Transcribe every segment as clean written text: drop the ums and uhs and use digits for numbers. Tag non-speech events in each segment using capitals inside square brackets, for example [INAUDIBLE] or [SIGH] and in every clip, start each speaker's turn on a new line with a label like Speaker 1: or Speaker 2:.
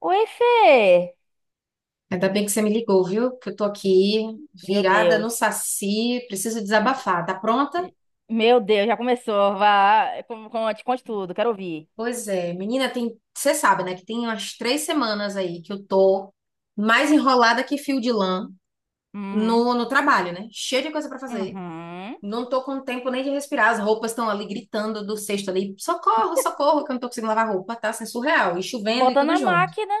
Speaker 1: Oi, Fê!
Speaker 2: Ainda bem que você me ligou, viu? Que eu tô aqui
Speaker 1: Meu
Speaker 2: virada no
Speaker 1: Deus.
Speaker 2: saci, preciso desabafar. Tá pronta?
Speaker 1: Meu Deus, já começou. Vá, conte, conte tudo, quero ouvir.
Speaker 2: Pois é, menina, tem, você sabe, né, que tem umas 3 semanas aí que eu tô mais enrolada que fio de lã
Speaker 1: Uhum.
Speaker 2: no trabalho, né? Cheia de coisa pra fazer.
Speaker 1: Uhum.
Speaker 2: Não tô com tempo nem de respirar. As roupas estão ali gritando do cesto ali, socorro, socorro, que eu não tô conseguindo lavar roupa, tá? Assim, surreal. E chovendo e
Speaker 1: Bota
Speaker 2: tudo
Speaker 1: na
Speaker 2: junto.
Speaker 1: máquina.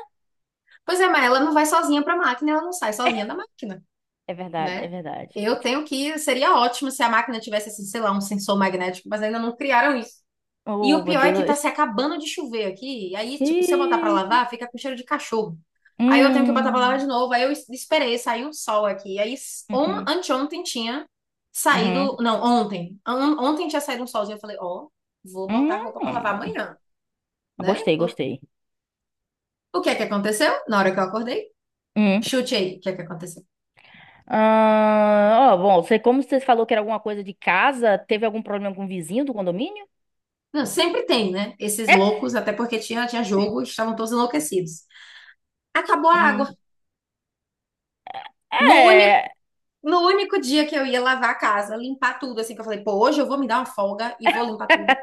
Speaker 2: Pois é, mas ela não vai sozinha pra máquina, ela não sai sozinha da máquina.
Speaker 1: É verdade, é
Speaker 2: Né?
Speaker 1: verdade.
Speaker 2: Eu tenho que. Seria ótimo se a máquina tivesse, assim, sei lá, um sensor magnético, mas ainda não criaram isso. E
Speaker 1: Oh,
Speaker 2: o
Speaker 1: meu
Speaker 2: pior é
Speaker 1: Deus.
Speaker 2: que tá se acabando de chover aqui. E aí, tipo, se eu botar pra
Speaker 1: Ih.
Speaker 2: lavar, fica com cheiro de cachorro. Aí eu tenho que botar pra lavar
Speaker 1: Hum.
Speaker 2: de novo. Aí eu esperei, saiu o sol aqui.
Speaker 1: Uhum.
Speaker 2: Anteontem tinha saído.
Speaker 1: Uhum.
Speaker 2: Não, ontem. Ontem tinha saído um solzinho. Eu falei, ó, vou botar a roupa pra lavar
Speaker 1: Hum.
Speaker 2: amanhã, né?
Speaker 1: Gostei,
Speaker 2: Por-
Speaker 1: gostei.
Speaker 2: o que é que aconteceu? Na hora que eu acordei,
Speaker 1: Hum.
Speaker 2: chute aí. O que é que aconteceu?
Speaker 1: Ah, ó, bom, como você falou que era alguma coisa de casa, teve algum problema com o vizinho do condomínio?
Speaker 2: Não, sempre tem, né? Esses loucos,
Speaker 1: [LAUGHS]
Speaker 2: até porque tinha, tinha jogo, estavam todos enlouquecidos. Acabou a água.
Speaker 1: Hum.
Speaker 2: No único,
Speaker 1: É.
Speaker 2: no único dia que eu ia lavar a casa, limpar tudo, assim, que eu falei, pô, hoje eu vou me dar uma folga e vou limpar tudo.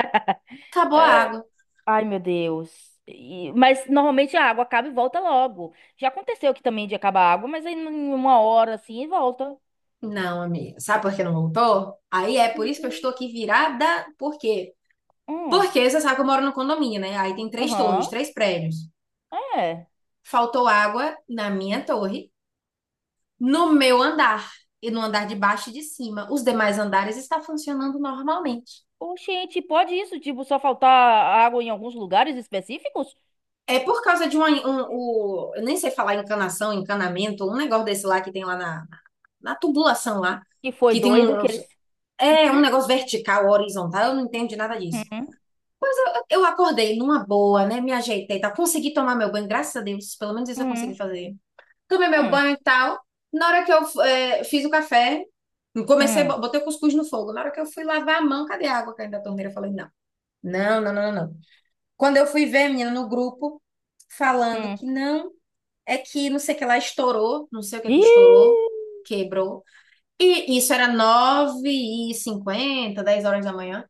Speaker 2: Acabou a
Speaker 1: é,
Speaker 2: água.
Speaker 1: Ai, meu Deus. Mas normalmente a água acaba e volta logo. Já aconteceu aqui também de acabar a água, mas aí em uma hora assim volta.
Speaker 2: Não, amiga, sabe por que não voltou? Aí é por isso que
Speaker 1: Porque
Speaker 2: eu estou aqui virada. Por quê?
Speaker 1: Hum,
Speaker 2: Porque você sabe que eu moro no condomínio, né? Aí tem três torres,
Speaker 1: aham,
Speaker 2: três prédios.
Speaker 1: é.
Speaker 2: Faltou água na minha torre, no meu andar e no andar de baixo e de cima. Os demais andares está funcionando normalmente.
Speaker 1: Oxente, pode isso? Tipo, só faltar água em alguns lugares específicos?
Speaker 2: É por causa de uma, um, o, eu nem sei falar encanação, encanamento, um negócio desse lá que tem lá na, na tubulação lá,
Speaker 1: Que foi
Speaker 2: que tem
Speaker 1: doido
Speaker 2: um,
Speaker 1: que eles.
Speaker 2: é um negócio vertical, horizontal, eu não entendo de nada disso.
Speaker 1: Hum,
Speaker 2: Mas eu acordei numa boa, né? Me ajeitei, tá? Consegui tomar meu banho, graças a Deus, pelo menos isso eu consegui
Speaker 1: hum,
Speaker 2: fazer. Tomei meu
Speaker 1: hum,
Speaker 2: banho e tal. Na hora que eu fiz o café, comecei,
Speaker 1: hum,
Speaker 2: botei o cuscuz no fogo. Na hora que eu fui lavar a mão, cadê a água caindo da torneira? Eu falei, não, não, não, não, não. Não. Quando eu fui ver, menina, no grupo, falando
Speaker 1: hum.
Speaker 2: que não é que não sei o que lá estourou, não sei o que é que estourou,
Speaker 1: Ih,
Speaker 2: quebrou. E isso era 9h50, 10 horas da manhã.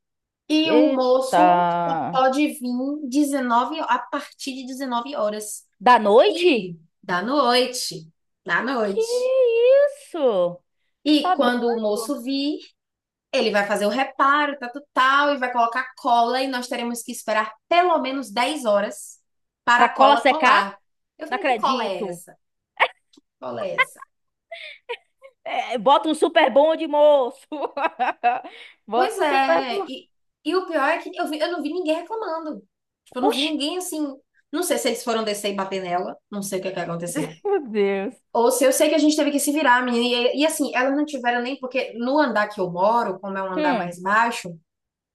Speaker 2: E o
Speaker 1: eita.
Speaker 2: moço só pode vir 19 a partir de 19 horas.
Speaker 1: Da noite?
Speaker 2: E da noite, da
Speaker 1: Que
Speaker 2: noite.
Speaker 1: isso?
Speaker 2: E
Speaker 1: Tá
Speaker 2: quando o
Speaker 1: doido?
Speaker 2: moço vir, ele vai fazer o reparo, tal, tal, tal, e vai colocar cola, e nós teremos que esperar pelo menos 10 horas para
Speaker 1: Pra
Speaker 2: a
Speaker 1: cola
Speaker 2: cola
Speaker 1: secar?
Speaker 2: colar. Eu
Speaker 1: Não
Speaker 2: falei, que cola é
Speaker 1: acredito.
Speaker 2: essa? Cola é essa?
Speaker 1: É, bota um super bonde, moço. [LAUGHS]
Speaker 2: Pois
Speaker 1: Bota um super
Speaker 2: é,
Speaker 1: bonde.
Speaker 2: e o pior é que eu, eu não vi ninguém reclamando. Tipo, eu não vi
Speaker 1: Oxi,
Speaker 2: ninguém assim. Não sei se eles foram descer e bater nela, não sei o que é que aconteceu.
Speaker 1: [LAUGHS] meu Deus.
Speaker 2: Ou se eu sei que a gente teve que se virar, menina. E assim, elas não tiveram nem, porque no andar que eu moro, como é um andar
Speaker 1: Hum,
Speaker 2: mais baixo,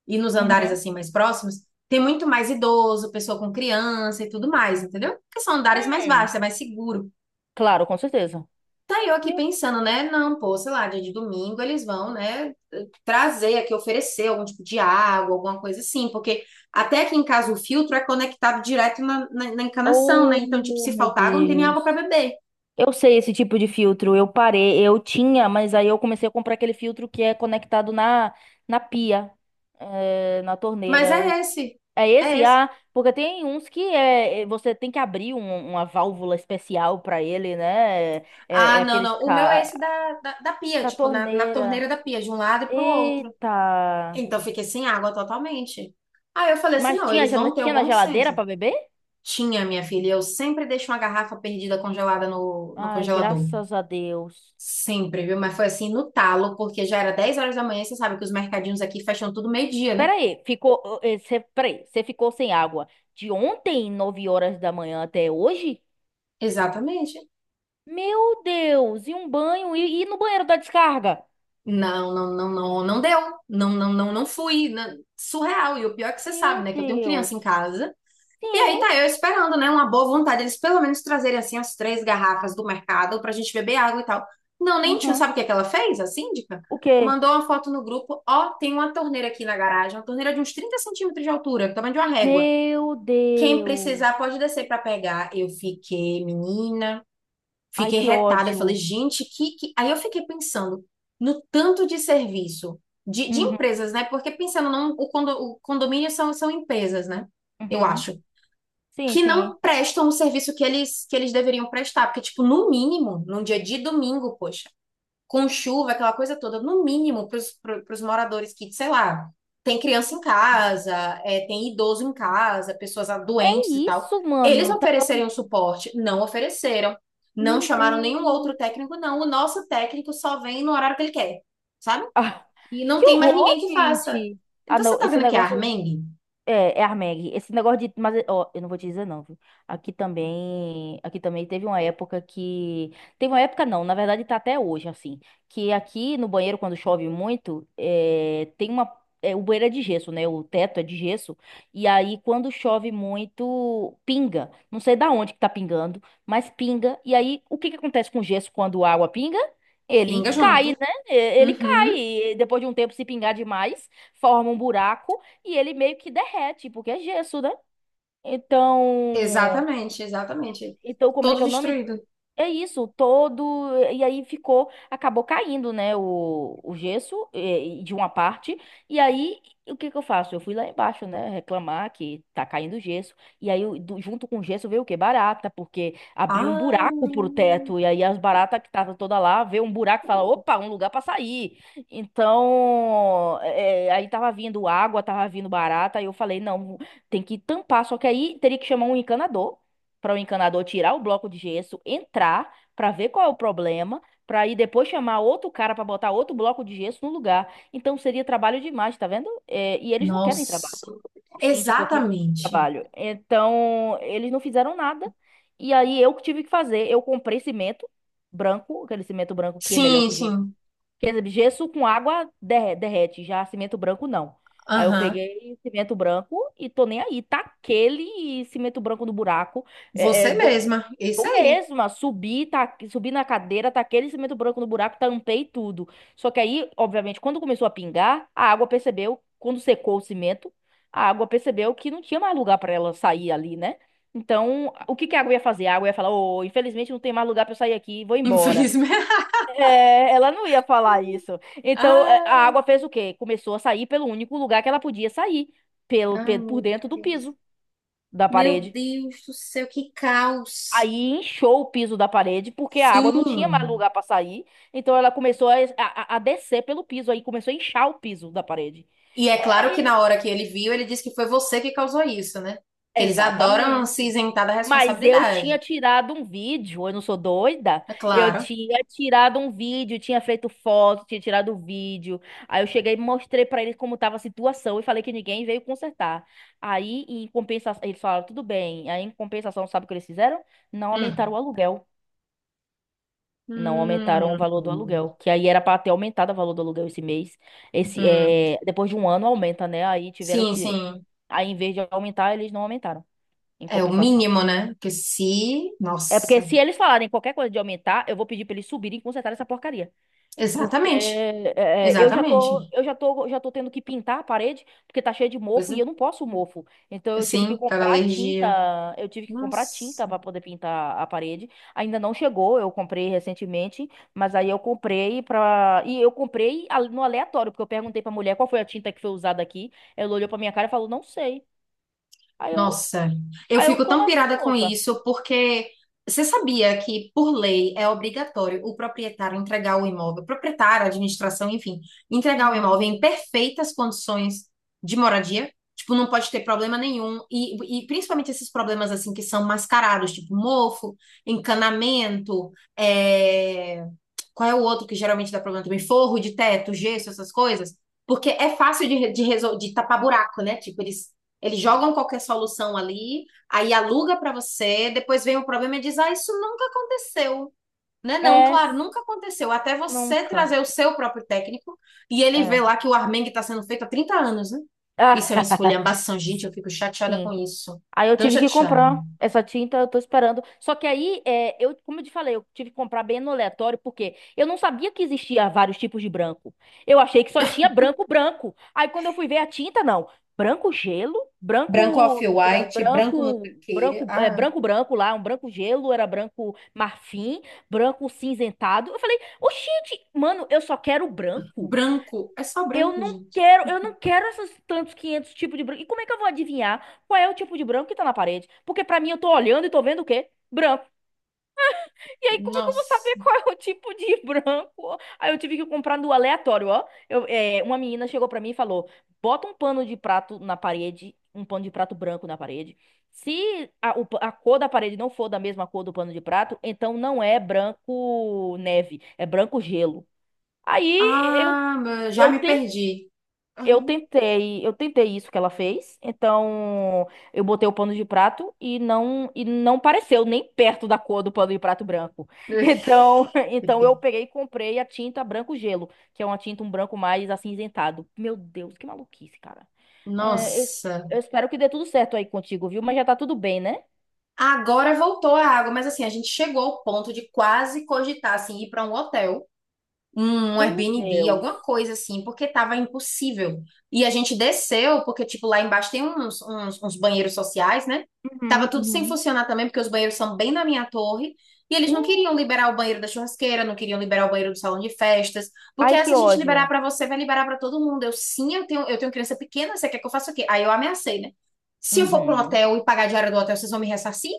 Speaker 2: e nos andares
Speaker 1: uhum,
Speaker 2: assim mais próximos, tem muito mais idoso, pessoa com criança e tudo mais, entendeu? Porque são andares mais
Speaker 1: hum.
Speaker 2: baixos, é mais seguro.
Speaker 1: Claro, com certeza.
Speaker 2: Tá eu aqui
Speaker 1: Meu...
Speaker 2: pensando, né? Não, pô, sei lá, dia de domingo eles vão, né, trazer aqui, oferecer algum tipo de água, alguma coisa assim, porque até aqui em casa o filtro é conectado direto na encanação, né?
Speaker 1: Oh,
Speaker 2: Então, tipo, se
Speaker 1: meu
Speaker 2: faltar água, não tem nem água para
Speaker 1: Deus.
Speaker 2: beber.
Speaker 1: Eu sei esse tipo de filtro. Eu parei, eu tinha, mas aí eu comecei a comprar aquele filtro que é conectado na pia, é, na
Speaker 2: Mas
Speaker 1: torneira.
Speaker 2: é esse,
Speaker 1: É
Speaker 2: é
Speaker 1: esse?
Speaker 2: esse.
Speaker 1: Ah, porque tem uns que você tem que abrir uma válvula especial pra ele, né? É,
Speaker 2: Ah,
Speaker 1: é
Speaker 2: não,
Speaker 1: aqueles.
Speaker 2: não, o meu é esse da pia,
Speaker 1: Da
Speaker 2: tipo, na
Speaker 1: torneira.
Speaker 2: torneira da pia, de um lado e pro outro.
Speaker 1: Eita!
Speaker 2: Então, eu fiquei sem água totalmente. Aí eu falei assim,
Speaker 1: Mas
Speaker 2: não,
Speaker 1: tinha,
Speaker 2: eles
Speaker 1: já
Speaker 2: vão ter o
Speaker 1: tinha na
Speaker 2: bom
Speaker 1: geladeira
Speaker 2: senso.
Speaker 1: pra beber?
Speaker 2: Tinha, minha filha, eu sempre deixo uma garrafa perdida congelada no
Speaker 1: Ai,
Speaker 2: congelador.
Speaker 1: graças a Deus.
Speaker 2: Sempre, viu? Mas foi assim no talo, porque já era 10 horas da manhã, você sabe que os mercadinhos aqui fecham tudo meio-dia, né?
Speaker 1: Peraí, ficou. Cê, peraí, você ficou sem água de ontem, 9 horas da manhã até hoje?
Speaker 2: Exatamente.
Speaker 1: Meu Deus! E um banho? E no banheiro da descarga?
Speaker 2: Não, não, não, não, não deu. Não, não, não, não fui. Não- surreal. E o pior é que você sabe,
Speaker 1: Meu
Speaker 2: né? Que eu tenho criança em
Speaker 1: Deus!
Speaker 2: casa. E aí
Speaker 1: Sim!
Speaker 2: tá eu esperando, né? Uma boa vontade. Eles pelo menos trazerem assim as três garrafas do mercado pra gente beber água e tal. Não, nem tinha.
Speaker 1: Uhum.
Speaker 2: Sabe o que é que ela fez, a síndica?
Speaker 1: O quê?
Speaker 2: Mandou uma foto no grupo. Ó, tem uma torneira aqui na garagem, uma torneira de uns 30 centímetros de altura, tamanho de uma régua.
Speaker 1: Meu
Speaker 2: Quem
Speaker 1: Deus!
Speaker 2: precisar pode descer para pegar. Eu fiquei, menina,
Speaker 1: Ai,
Speaker 2: fiquei
Speaker 1: que
Speaker 2: retada. Eu falei,
Speaker 1: ódio!
Speaker 2: gente, que... Aí eu fiquei pensando no tanto de serviço de
Speaker 1: Uhum,
Speaker 2: empresas, né? Porque pensando, não, o condomínio são empresas, né? Eu
Speaker 1: uhum.
Speaker 2: acho.
Speaker 1: Sim,
Speaker 2: Que
Speaker 1: sim.
Speaker 2: não prestam o serviço que eles deveriam prestar. Porque, tipo, no mínimo, num dia de domingo, poxa, com chuva, aquela coisa toda, no mínimo para os moradores que, sei lá, tem criança em casa, é, tem idoso em casa, pessoas
Speaker 1: É
Speaker 2: doentes e tal,
Speaker 1: isso,
Speaker 2: eles
Speaker 1: mano. Tá...
Speaker 2: oferecerem um suporte, não ofereceram, não
Speaker 1: Meu
Speaker 2: chamaram nenhum outro
Speaker 1: Deus!
Speaker 2: técnico, não. O nosso técnico só vem no horário que ele quer, sabe?
Speaker 1: Ah,
Speaker 2: E não
Speaker 1: que
Speaker 2: tem mais
Speaker 1: horror,
Speaker 2: ninguém que faça.
Speaker 1: gente! Ah,
Speaker 2: Então você
Speaker 1: não,
Speaker 2: tá
Speaker 1: esse
Speaker 2: vendo que é
Speaker 1: negócio.
Speaker 2: Armengue?
Speaker 1: É, é Armeg. Esse negócio de. Mas, ó, eu não vou te dizer não, viu? Aqui também. Aqui também teve uma época que. Teve uma época não, na verdade tá até hoje, assim. Que aqui no banheiro, quando chove muito, é, tem uma. É, o banheiro é de gesso, né? O teto é de gesso. E aí, quando chove muito, pinga. Não sei da onde que tá pingando, mas pinga. E aí, o que que acontece com o gesso quando a água pinga?
Speaker 2: Pinga
Speaker 1: Ele
Speaker 2: junto.
Speaker 1: cai, né? Ele
Speaker 2: Uhum.
Speaker 1: cai. E depois de um tempo, se pingar demais, forma um buraco. E ele meio que derrete, porque é gesso, né? Então,
Speaker 2: Exatamente, exatamente.
Speaker 1: então como é
Speaker 2: Todo
Speaker 1: que é o nome?
Speaker 2: destruído.
Speaker 1: É isso, todo. E aí ficou. Acabou caindo, né? O gesso eh, de uma parte. E aí, o que que eu faço? Eu fui lá embaixo, né? Reclamar que tá caindo gesso. E aí, junto com o gesso, veio o quê? Barata, porque abriu um
Speaker 2: Ah,
Speaker 1: buraco pro teto. E aí, as baratas que estavam toda lá, vê um buraco e fala: opa, um lugar pra sair. Então, aí tava vindo água, tava vindo barata. E eu falei: não, tem que tampar. Só que aí teria que chamar um encanador para o encanador tirar o bloco de gesso, entrar para ver qual é o problema, para aí depois chamar outro cara para botar outro bloco de gesso no lugar. Então seria trabalho demais, tá vendo? É, e eles não querem
Speaker 2: nossa.
Speaker 1: trabalho. O síndico aqui não quer
Speaker 2: Exatamente.
Speaker 1: trabalho. Então eles não fizeram nada. E aí eu que tive que fazer. Eu comprei cimento branco, aquele cimento branco que é melhor
Speaker 2: Sim,
Speaker 1: que gesso.
Speaker 2: sim.
Speaker 1: Quer dizer, gesso com água derrete, já cimento branco não. Aí eu
Speaker 2: Aham.
Speaker 1: peguei cimento branco e tô nem aí. Tá aquele cimento branco no buraco. É, é,
Speaker 2: Você mesma.
Speaker 1: eu
Speaker 2: Isso aí.
Speaker 1: mesma subi, tá, subi na cadeira, taquei aquele cimento branco no buraco, tampei tudo. Só que aí, obviamente, quando começou a pingar, a água percebeu, quando secou o cimento, a água percebeu que não tinha mais lugar para ela sair ali, né? Então, o que que a água ia fazer? A água ia falar: "Ô, infelizmente não tem mais lugar para eu sair aqui, vou embora".
Speaker 2: Infelizmente. [LAUGHS]
Speaker 1: É, ela não ia falar isso. Então, é,
Speaker 2: Ah,
Speaker 1: a água fez o quê? Começou a sair pelo único lugar que ela podia sair, pelo,
Speaker 2: ai,
Speaker 1: por
Speaker 2: meu
Speaker 1: dentro do
Speaker 2: Deus.
Speaker 1: piso da
Speaker 2: Meu
Speaker 1: parede.
Speaker 2: Deus do céu, que
Speaker 1: Aí
Speaker 2: caos.
Speaker 1: inchou o piso da parede, porque a água não tinha mais
Speaker 2: Sim.
Speaker 1: lugar para sair. Então ela começou a descer pelo piso, aí começou a inchar o piso da parede.
Speaker 2: E é
Speaker 1: É,
Speaker 2: claro que na hora que ele viu, ele disse que foi você que causou isso, né? Porque eles adoram se
Speaker 1: exatamente.
Speaker 2: isentar da
Speaker 1: Mas eu
Speaker 2: responsabilidade.
Speaker 1: tinha tirado um vídeo, eu não sou doida.
Speaker 2: É
Speaker 1: Eu
Speaker 2: claro.
Speaker 1: tinha tirado um vídeo, tinha feito foto, tinha tirado o vídeo. Aí eu cheguei e mostrei para eles como estava a situação e falei que ninguém veio consertar. Aí, em compensação, eles falaram, tudo bem. Aí, em compensação, sabe o que eles fizeram? Não aumentaram o
Speaker 2: Hum.
Speaker 1: aluguel. Não aumentaram o valor do
Speaker 2: Hum.
Speaker 1: aluguel, que aí era para ter aumentado o valor do aluguel esse mês. Esse
Speaker 2: Hum.
Speaker 1: é, depois de um ano aumenta, né? Aí tiveram
Speaker 2: Sim,
Speaker 1: que
Speaker 2: sim.
Speaker 1: aí em vez de aumentar, eles não aumentaram em
Speaker 2: É o
Speaker 1: compensação.
Speaker 2: mínimo, né? Porque se.
Speaker 1: É porque
Speaker 2: Nossa.
Speaker 1: se eles falarem qualquer coisa de aumentar, eu vou pedir para eles subirem e consertarem essa porcaria. Porque
Speaker 2: Exatamente.
Speaker 1: é,
Speaker 2: Exatamente.
Speaker 1: já tô tendo que pintar a parede, porque tá cheio de
Speaker 2: Pois
Speaker 1: mofo
Speaker 2: é.
Speaker 1: e eu não posso mofo. Então eu tive que
Speaker 2: Assim, cada
Speaker 1: comprar tinta,
Speaker 2: alergia.
Speaker 1: eu tive que comprar
Speaker 2: Nossa.
Speaker 1: tinta para poder pintar a parede. Ainda não chegou, eu comprei recentemente, mas aí eu comprei pra. E eu comprei no aleatório, porque eu perguntei pra mulher qual foi a tinta que foi usada aqui. Ela olhou pra minha cara e falou: "Não sei". Aí eu,
Speaker 2: Nossa, eu
Speaker 1: aí eu,
Speaker 2: fico
Speaker 1: como
Speaker 2: tão
Speaker 1: assim,
Speaker 2: pirada com
Speaker 1: moça?
Speaker 2: isso porque você sabia que, por lei, é obrigatório o proprietário entregar o imóvel, proprietário, administração, enfim, entregar o
Speaker 1: Uhum.
Speaker 2: imóvel em perfeitas condições de moradia. Tipo, não pode ter problema nenhum. E principalmente esses problemas, assim, que são mascarados, tipo mofo, encanamento, é, qual é o outro que geralmente dá problema também? Forro de teto, gesso, essas coisas. Porque é fácil de tapar buraco, né? Tipo, eles eles jogam qualquer solução ali, aí aluga para você, depois vem o problema e diz: ah, isso nunca aconteceu. Né? Não,
Speaker 1: É,
Speaker 2: claro, nunca aconteceu. Até você
Speaker 1: nunca.
Speaker 2: trazer o seu próprio técnico e ele vê lá
Speaker 1: É.
Speaker 2: que o Armengue está sendo feito há 30 anos, né?
Speaker 1: [LAUGHS]
Speaker 2: Isso é uma
Speaker 1: Ah,
Speaker 2: esculhambação, gente. Eu fico chateada com
Speaker 1: sim.
Speaker 2: isso.
Speaker 1: Aí eu
Speaker 2: Tão
Speaker 1: tive que
Speaker 2: chateada.
Speaker 1: comprar essa tinta, eu tô esperando. Só que aí, é, eu, como eu te falei, eu tive que comprar bem no aleatório, porque eu não sabia que existia vários tipos de branco. Eu achei que só tinha branco branco. Aí quando eu fui ver a tinta, não. Branco gelo,
Speaker 2: Branco off-white, branco não sei
Speaker 1: branco,
Speaker 2: o quê.
Speaker 1: branco, é,
Speaker 2: Ah,
Speaker 1: branco branco lá, um branco gelo, era branco marfim, branco cinzentado. Eu falei, oxente, mano, eu só quero branco.
Speaker 2: branco. É só branco, gente.
Speaker 1: Eu não quero esses tantos 500 tipos de branco. E como é que eu vou adivinhar qual é o tipo de branco que tá na parede? Porque pra mim eu tô olhando e tô vendo o quê? Branco. E aí como é que eu vou saber
Speaker 2: Nossa.
Speaker 1: qual é o tipo de [LAUGHS] branco? Aí eu tive que comprar no aleatório, ó. Eu, é, uma menina chegou pra mim e falou: "Bota um pano de prato na parede, um pano de prato branco na parede. Se a cor da parede não for da mesma cor do pano de prato, então não é branco neve, é branco gelo." Aí
Speaker 2: Ah, já
Speaker 1: eu
Speaker 2: me perdi. Uhum.
Speaker 1: eu tentei isso que ela fez. Então, eu botei o pano de prato e não pareceu nem perto da cor do pano de prato branco. [LAUGHS] Então eu
Speaker 2: [LAUGHS]
Speaker 1: peguei e comprei a tinta branco gelo, que é uma tinta um branco mais acinzentado. Meu Deus, que maluquice, cara. É,
Speaker 2: Nossa,
Speaker 1: eu espero que dê tudo certo aí contigo, viu? Mas já tá tudo bem, né?
Speaker 2: agora voltou a água, mas assim, a gente chegou ao ponto de quase cogitar assim, ir para um hotel, um
Speaker 1: Meu
Speaker 2: Airbnb, alguma
Speaker 1: Deus.
Speaker 2: coisa assim, porque tava impossível. E a gente desceu, porque tipo lá embaixo tem uns banheiros sociais, né? Tava
Speaker 1: Uhum,
Speaker 2: tudo sem
Speaker 1: uhum.
Speaker 2: funcionar também, porque os banheiros são bem na minha torre. E eles
Speaker 1: Ih,
Speaker 2: não queriam liberar o banheiro da churrasqueira, não queriam liberar o banheiro do salão de festas, porque
Speaker 1: Ai,
Speaker 2: essa
Speaker 1: que
Speaker 2: a gente liberar
Speaker 1: ódio.
Speaker 2: para você, vai liberar para todo mundo. Eu sim, eu tenho criança pequena, você quer que eu faça o quê? Aí eu ameacei, né? Se eu for para um
Speaker 1: Uhum.
Speaker 2: hotel e pagar a diária do hotel, vocês vão me ressarcir?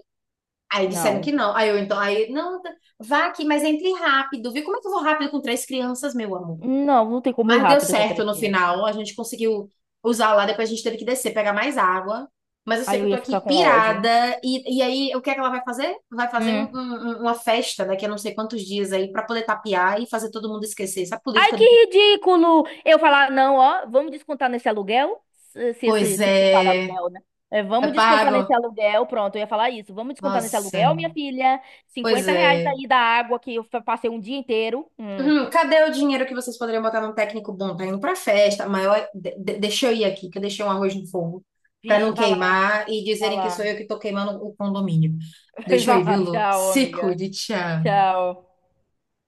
Speaker 2: Aí disseram que
Speaker 1: Não.
Speaker 2: não. Aí eu então, aí, não, tá- vá aqui, mas entre rápido, viu? Como é que eu vou rápido com três crianças, meu amor?
Speaker 1: Não, não tem como ir
Speaker 2: Mas deu
Speaker 1: rápido contra
Speaker 2: certo no
Speaker 1: esse.
Speaker 2: final, a gente conseguiu usar lá, depois a gente teve que descer, pegar mais água. Mas eu sei
Speaker 1: Aí
Speaker 2: que
Speaker 1: eu
Speaker 2: eu tô
Speaker 1: ia ficar
Speaker 2: aqui
Speaker 1: com ódio.
Speaker 2: pirada, e aí o que é que ela vai fazer? Vai fazer
Speaker 1: Hum.
Speaker 2: uma festa daqui a não sei quantos dias aí, pra poder tapear e fazer todo mundo esquecer. Essa
Speaker 1: Ai,
Speaker 2: política
Speaker 1: que
Speaker 2: do.
Speaker 1: ridículo! Eu falar, não, ó, vamos descontar nesse aluguel,
Speaker 2: Pois
Speaker 1: se tu paga
Speaker 2: é,
Speaker 1: aluguel, né? É,
Speaker 2: é
Speaker 1: vamos descontar
Speaker 2: pago.
Speaker 1: nesse aluguel, pronto, eu ia falar isso. Vamos descontar nesse
Speaker 2: Nossa,
Speaker 1: aluguel, minha filha.
Speaker 2: pois
Speaker 1: R$ 50
Speaker 2: é.
Speaker 1: aí da água que eu passei um dia inteiro. Hum.
Speaker 2: Cadê o dinheiro que vocês poderiam botar num técnico bom? Tá indo pra festa, maior. Deixa eu ir aqui, que eu deixei um arroz no fogo, pra não
Speaker 1: Vixe, vai lá,
Speaker 2: queimar e
Speaker 1: vai
Speaker 2: dizerem que sou
Speaker 1: lá.
Speaker 2: eu que tô queimando o condomínio.
Speaker 1: [LAUGHS] Vai
Speaker 2: Deixa eu ir,
Speaker 1: lá,
Speaker 2: viu, Lu?
Speaker 1: tchau,
Speaker 2: Se
Speaker 1: amiga.
Speaker 2: cuide, tchau.
Speaker 1: Tchau.